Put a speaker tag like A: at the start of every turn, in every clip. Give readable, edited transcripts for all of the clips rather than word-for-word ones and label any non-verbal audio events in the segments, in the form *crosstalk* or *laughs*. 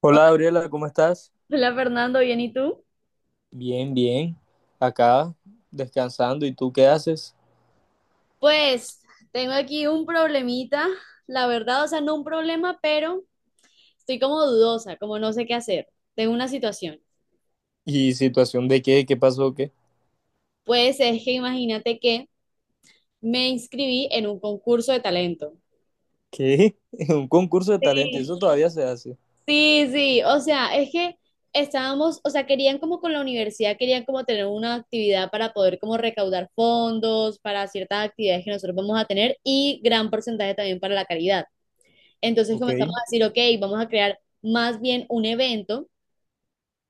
A: Hola Gabriela, ¿cómo estás?
B: Hola Fernando, ¿bien y tú?
A: Bien, bien. Acá descansando. ¿Y tú qué haces?
B: Pues tengo aquí un problemita, la verdad, no un problema, pero estoy como dudosa, como no sé qué hacer. Tengo una situación.
A: ¿Y situación de qué? ¿Qué pasó? ¿Qué?
B: Pues es que imagínate que me inscribí en un concurso de talento.
A: ¿Qué? *laughs* Un concurso de talento.
B: Sí,
A: Eso todavía se hace.
B: sí, sí, es que estábamos, querían como con la universidad, querían como tener una actividad para poder como recaudar fondos para ciertas actividades que nosotros vamos a tener y gran porcentaje también para la caridad. Entonces
A: Ok.
B: comenzamos a decir, ok, vamos a crear más bien un evento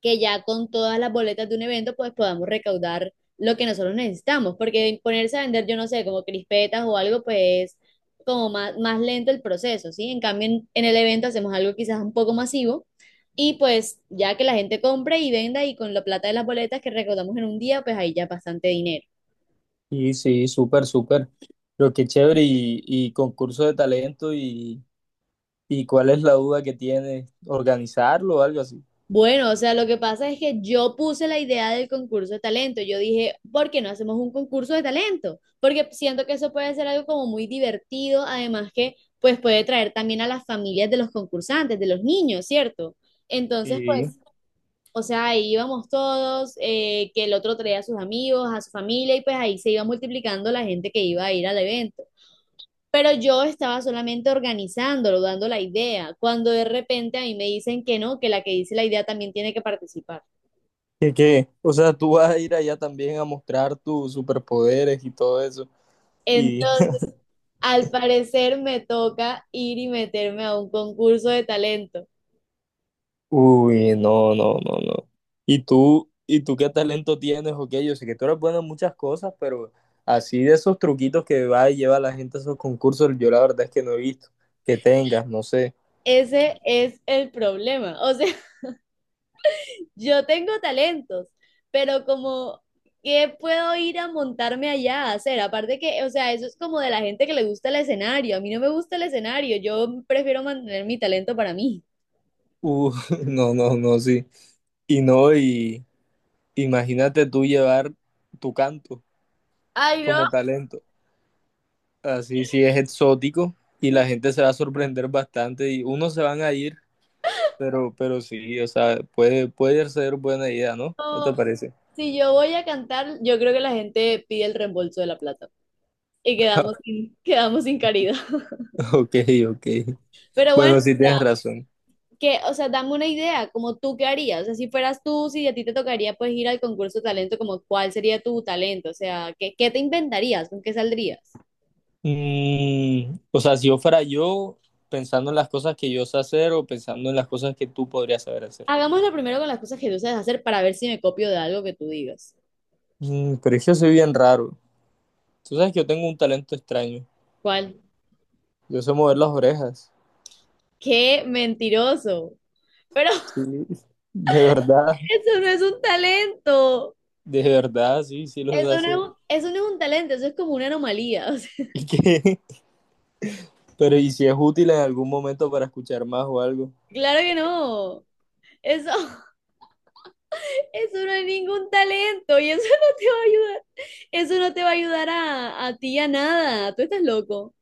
B: que ya con todas las boletas de un evento pues podamos recaudar lo que nosotros necesitamos, porque ponerse a vender, yo no sé, como crispetas o algo, pues como más lento el proceso, ¿sí? En cambio, en el evento hacemos algo quizás un poco masivo y pues ya que la gente compre y venda y con la plata de las boletas que recaudamos en un día, pues ahí ya bastante dinero.
A: Y sí, súper, súper. Pero qué chévere. Y concurso de talento. Y, ¿y cuál es la duda que tienes? ¿Organizarlo o algo así?
B: Bueno, o sea, lo que pasa es que yo puse la idea del concurso de talento. Yo dije, ¿por qué no hacemos un concurso de talento? Porque siento que eso puede ser algo como muy divertido, además que pues puede traer también a las familias de los concursantes, de los niños, ¿cierto? Entonces,
A: Sí.
B: pues, o sea, ahí íbamos todos, que el otro traía a sus amigos, a su familia, y pues ahí se iba multiplicando la gente que iba a ir al evento. Pero yo estaba solamente organizándolo, dando la idea, cuando de repente a mí me dicen que no, que la que dice la idea también tiene que participar.
A: ¿Qué, qué? O sea, tú vas a ir allá también a mostrar tus superpoderes y todo eso. Y
B: Entonces, al parecer me toca ir y meterme a un concurso de talento.
A: uy, no, no, no, no. Y tú qué talento tienes o qué? Yo sé que tú eres bueno en muchas cosas, pero así de esos truquitos que va y lleva la gente a esos concursos, yo la verdad es que no he visto que tengas, no sé.
B: Ese es el problema. O sea, *laughs* yo tengo talentos, pero como, ¿qué puedo ir a montarme allá a hacer? Aparte que, o sea, eso es como de la gente que le gusta el escenario. A mí no me gusta el escenario, yo prefiero mantener mi talento para mí.
A: Uh, *laughs* no, no, no, sí. Y no, y imagínate tú llevar tu canto
B: Ay,
A: como talento. Así sí es exótico y la gente se va a sorprender bastante y unos se van a ir, pero sí, o sea, puede ser buena idea, ¿no? ¿No te
B: no.
A: parece?
B: Si yo voy a cantar, yo creo que la gente pide el reembolso de la plata y quedamos sin caridad. *laughs*
A: *laughs* Ok, ok.
B: Pero bueno,
A: Bueno, sí tienes razón.
B: que, o sea, dame una idea, como tú qué harías, o sea, si fueras tú, si a ti te tocaría pues ir al concurso de talento, como cuál sería tu talento, o sea, ¿qué, qué te inventarías, con qué saldrías?
A: Mm, o sea, si yo fuera yo, pensando en las cosas que yo sé hacer o pensando en las cosas que tú podrías saber hacer.
B: Hagámoslo primero con las cosas que tú sabes hacer para ver si me copio de algo que tú digas.
A: Mm, pero es que yo soy bien raro. Tú sabes que yo tengo un talento extraño.
B: ¿Cuál?
A: Yo sé mover las orejas.
B: ¡Qué mentiroso! Pero
A: Sí,
B: *laughs*
A: de verdad,
B: eso no es un talento.
A: de verdad, sí, sí lo sé
B: Eso no es
A: hacer.
B: un,
A: *laughs*
B: eso no es un talento, eso es como una anomalía. *laughs* O sea,
A: ¿Y qué? Pero ¿y si es útil en algún momento para escuchar más o algo?
B: claro que no. Eso, *laughs* eso no es ningún talento y eso no te va a ayudar. Eso no te va a ayudar a ti a nada. Tú estás loco.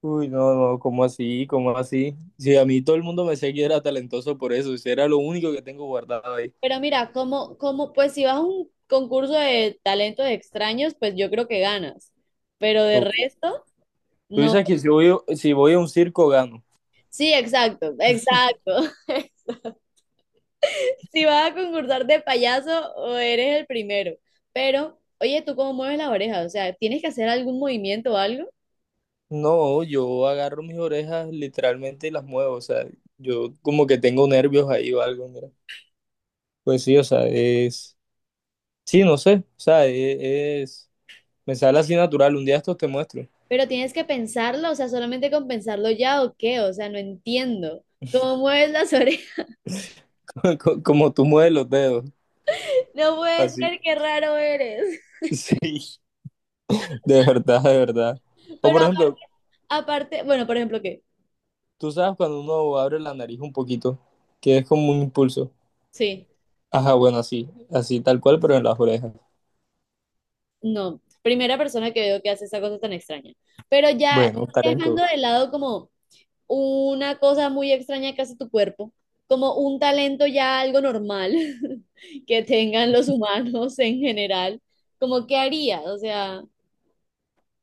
A: Uy, no, no, ¿cómo así? ¿Cómo así? Si a mí todo el mundo me decía que era talentoso por eso, si era lo único que tengo guardado ahí.
B: Pero mira, pues si vas a un concurso de talentos extraños, pues yo creo que ganas. Pero de
A: Ok.
B: resto,
A: Tú
B: no.
A: dices que si voy, si voy a un circo gano.
B: Sí, exacto, exacto. *laughs* Si vas a concursar de payaso, o eres el primero. Pero, oye, ¿tú cómo mueves las orejas? O sea, ¿tienes que hacer algún movimiento o algo?
A: No, yo agarro mis orejas literalmente y las muevo, o sea, yo como que tengo nervios ahí o algo, mira. Pues sí, o sea, es... Sí, no sé, o sea, es... Me sale así natural, un día estos te muestro,
B: Pero tienes que pensarlo, o sea, solamente con pensarlo ya o qué, o sea, no entiendo. ¿Cómo mueves las orejas? *laughs*
A: *laughs* como tú mueves los dedos,
B: No puede
A: así. *laughs*
B: ser, qué raro eres.
A: Sí, de verdad, de verdad. O
B: Pero
A: por
B: aparte,
A: ejemplo,
B: aparte, bueno, por ejemplo, ¿qué?
A: tú sabes cuando uno abre la nariz un poquito, que es como un impulso.
B: Sí,
A: Ajá, bueno, así, así tal cual, pero en las orejas.
B: no, primera persona que veo que hace esa cosa tan extraña. Pero ya
A: Bueno,
B: dejando
A: talento.
B: de lado como una cosa muy extraña que hace tu cuerpo, como un talento ya algo normal *laughs* que tengan los humanos en general, como qué harías, o sea...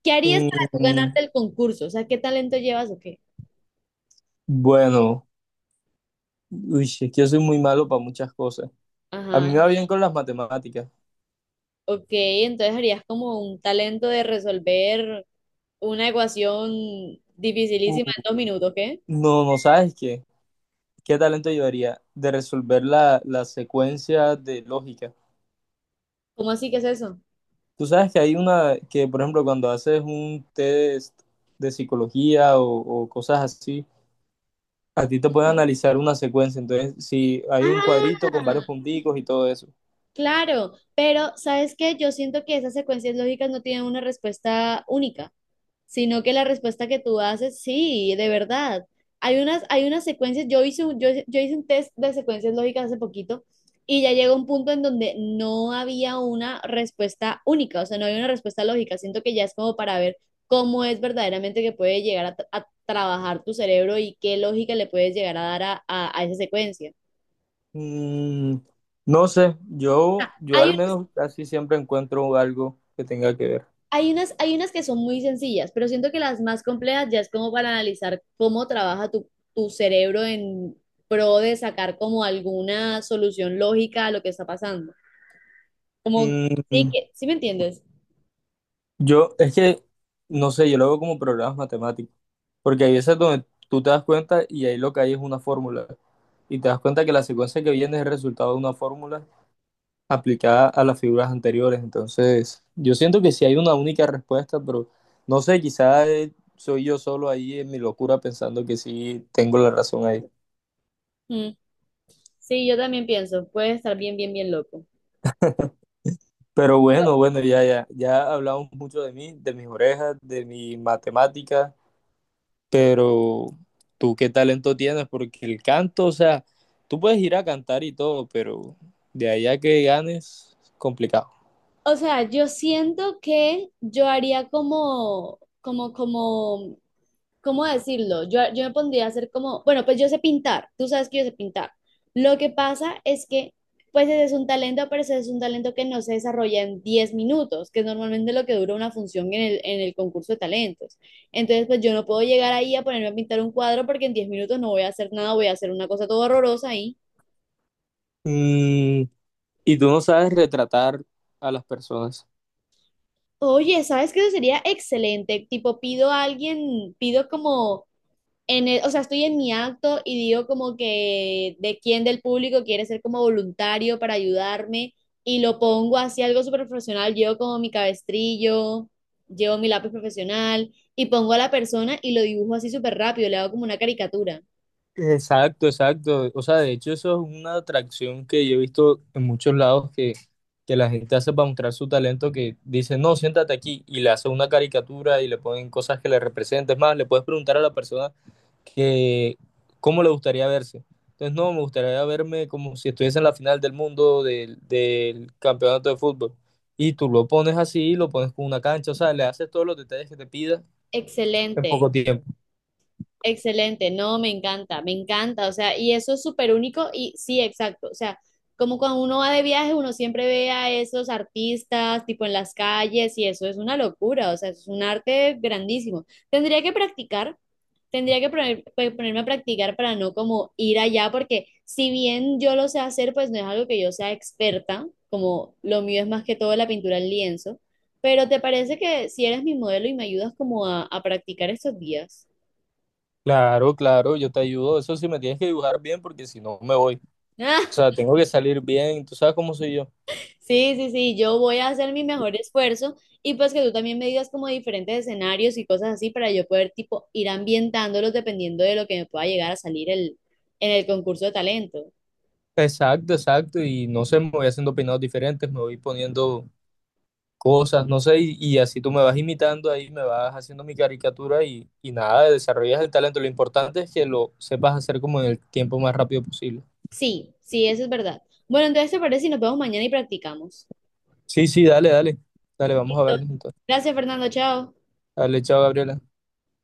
B: ¿Qué harías para tú
A: Mm,
B: ganarte el concurso? O sea, ¿qué talento llevas o qué?
A: bueno, uy, es que yo soy muy malo para muchas cosas. A mí
B: Ajá.
A: me va bien con las matemáticas.
B: Ok, entonces harías como un talento de resolver una ecuación dificilísima
A: Uh,
B: en 2 minutos, ¿qué?
A: No, no sabes qué. ¿Qué talento llevaría? De resolver la secuencia de lógica.
B: ¿Cómo así que es eso?
A: Tú sabes que hay una que, por ejemplo, cuando haces un test de psicología o cosas así, a ti te pueden analizar una secuencia. Entonces, si hay un cuadrito con varios
B: Ah,
A: punticos y todo eso.
B: claro, pero ¿sabes qué? Yo siento que esas secuencias lógicas no tienen una respuesta única, sino que la respuesta que tú haces, sí, de verdad. Hay unas secuencias, yo hice un test de secuencias lógicas hace poquito y ya llegó un punto en donde no había una respuesta única, o sea, no había una respuesta lógica. Siento que ya es como para ver cómo es verdaderamente que puede llegar a, a trabajar tu cerebro y qué lógica le puedes llegar a dar a esa secuencia.
A: Mm, no sé, yo
B: Hay
A: al
B: unas
A: menos casi siempre encuentro algo que tenga que ver.
B: Hay unas, hay unas que son muy sencillas, pero siento que las más complejas ya es como para analizar cómo trabaja tu, tu cerebro en pro de sacar como alguna solución lógica a lo que está pasando. Como,
A: Mm,
B: ¿Sí me entiendes?
A: yo, es que, no sé, yo lo veo como programas matemáticos, porque hay veces donde tú te das cuenta y ahí lo que hay es una fórmula, y te das cuenta que la secuencia que viene es el resultado de una fórmula aplicada a las figuras anteriores. Entonces, yo siento que sí hay una única respuesta, pero no sé, quizás soy yo solo ahí en mi locura pensando que sí tengo la razón ahí.
B: Mm, sí, yo también pienso, puede estar bien, bien, bien loco.
A: Pero
B: Yo-
A: bueno, bueno, ya, ya, ya hablamos mucho de mí, de mis orejas, de mi matemática. Pero tú qué talento tienes, porque el canto, o sea, tú puedes ir a cantar y todo, pero de allá que ganes, complicado.
B: O sea, yo siento que yo haría como ¿cómo decirlo? Yo me pondría a hacer como, bueno, pues yo sé pintar, tú sabes que yo sé pintar. Lo que pasa es que, pues ese es un talento, pero ese es un talento que no se desarrolla en 10 minutos, que es normalmente lo que dura una función en el concurso de talentos. Entonces, pues yo no puedo llegar ahí a ponerme a pintar un cuadro porque en 10 minutos no voy a hacer nada, voy a hacer una cosa todo horrorosa ahí.
A: Mm, y tú no sabes retratar a las personas.
B: Oye, ¿sabes qué? Eso sería excelente. Tipo, pido a alguien, pido como o sea, estoy en mi acto y digo como que de quién del público quiere ser como voluntario para ayudarme y lo pongo así algo súper profesional, llevo como mi cabestrillo, llevo mi lápiz profesional y pongo a la persona y lo dibujo así súper rápido, le hago como una caricatura.
A: Exacto, exacto. O sea, de hecho eso es una atracción que yo he visto en muchos lados que la gente hace para mostrar su talento, que dice, no, siéntate aquí y le hace una caricatura y le ponen cosas que le representen. Es más, le puedes preguntar a la persona que cómo le gustaría verse. Entonces, no, me gustaría verme como si estuviese en la final del mundo del campeonato de fútbol. Y tú lo pones así, lo pones con una cancha, o sea, le haces todos los detalles que te pida en poco
B: Excelente.
A: tiempo.
B: Excelente, no, me encanta, o sea, y eso es súper único y sí, exacto, o sea, como cuando uno va de viaje, uno siempre ve a esos artistas, tipo en las calles, y eso es una locura, o sea, es un arte grandísimo. Tendría que practicar, pues, ponerme a practicar para no como ir allá, porque si bien yo lo sé hacer, pues no es algo que yo sea experta, como lo mío es más que todo la pintura al lienzo, pero ¿te parece que si eres mi modelo y me ayudas como a practicar estos días?
A: Claro, claro, yo te ayudo. Eso sí me tienes que dibujar bien porque si no me voy. O
B: *laughs*
A: sea, tengo que salir bien. Tú sabes cómo soy yo.
B: Sí, sí, sí, yo voy a hacer mi mejor esfuerzo y pues que tú también me digas como diferentes escenarios y cosas así para yo poder tipo ir ambientándolos dependiendo de lo que me pueda llegar a salir en el concurso de talento.
A: Exacto, exacto. Y no sé, me voy haciendo peinados diferentes, me voy poniendo cosas, no sé. Y así tú me vas imitando ahí, me vas haciendo mi caricatura y nada, desarrollas el talento. Lo importante es que lo sepas hacer como en el tiempo más rápido posible.
B: Sí, sí, eso es verdad. Bueno, entonces te parece si nos vemos mañana y practicamos.
A: Sí, sí, dale, dale. Dale, vamos a
B: Listo.
A: vernos entonces.
B: Gracias, Fernando, chao.
A: Dale, chao, Gabriela.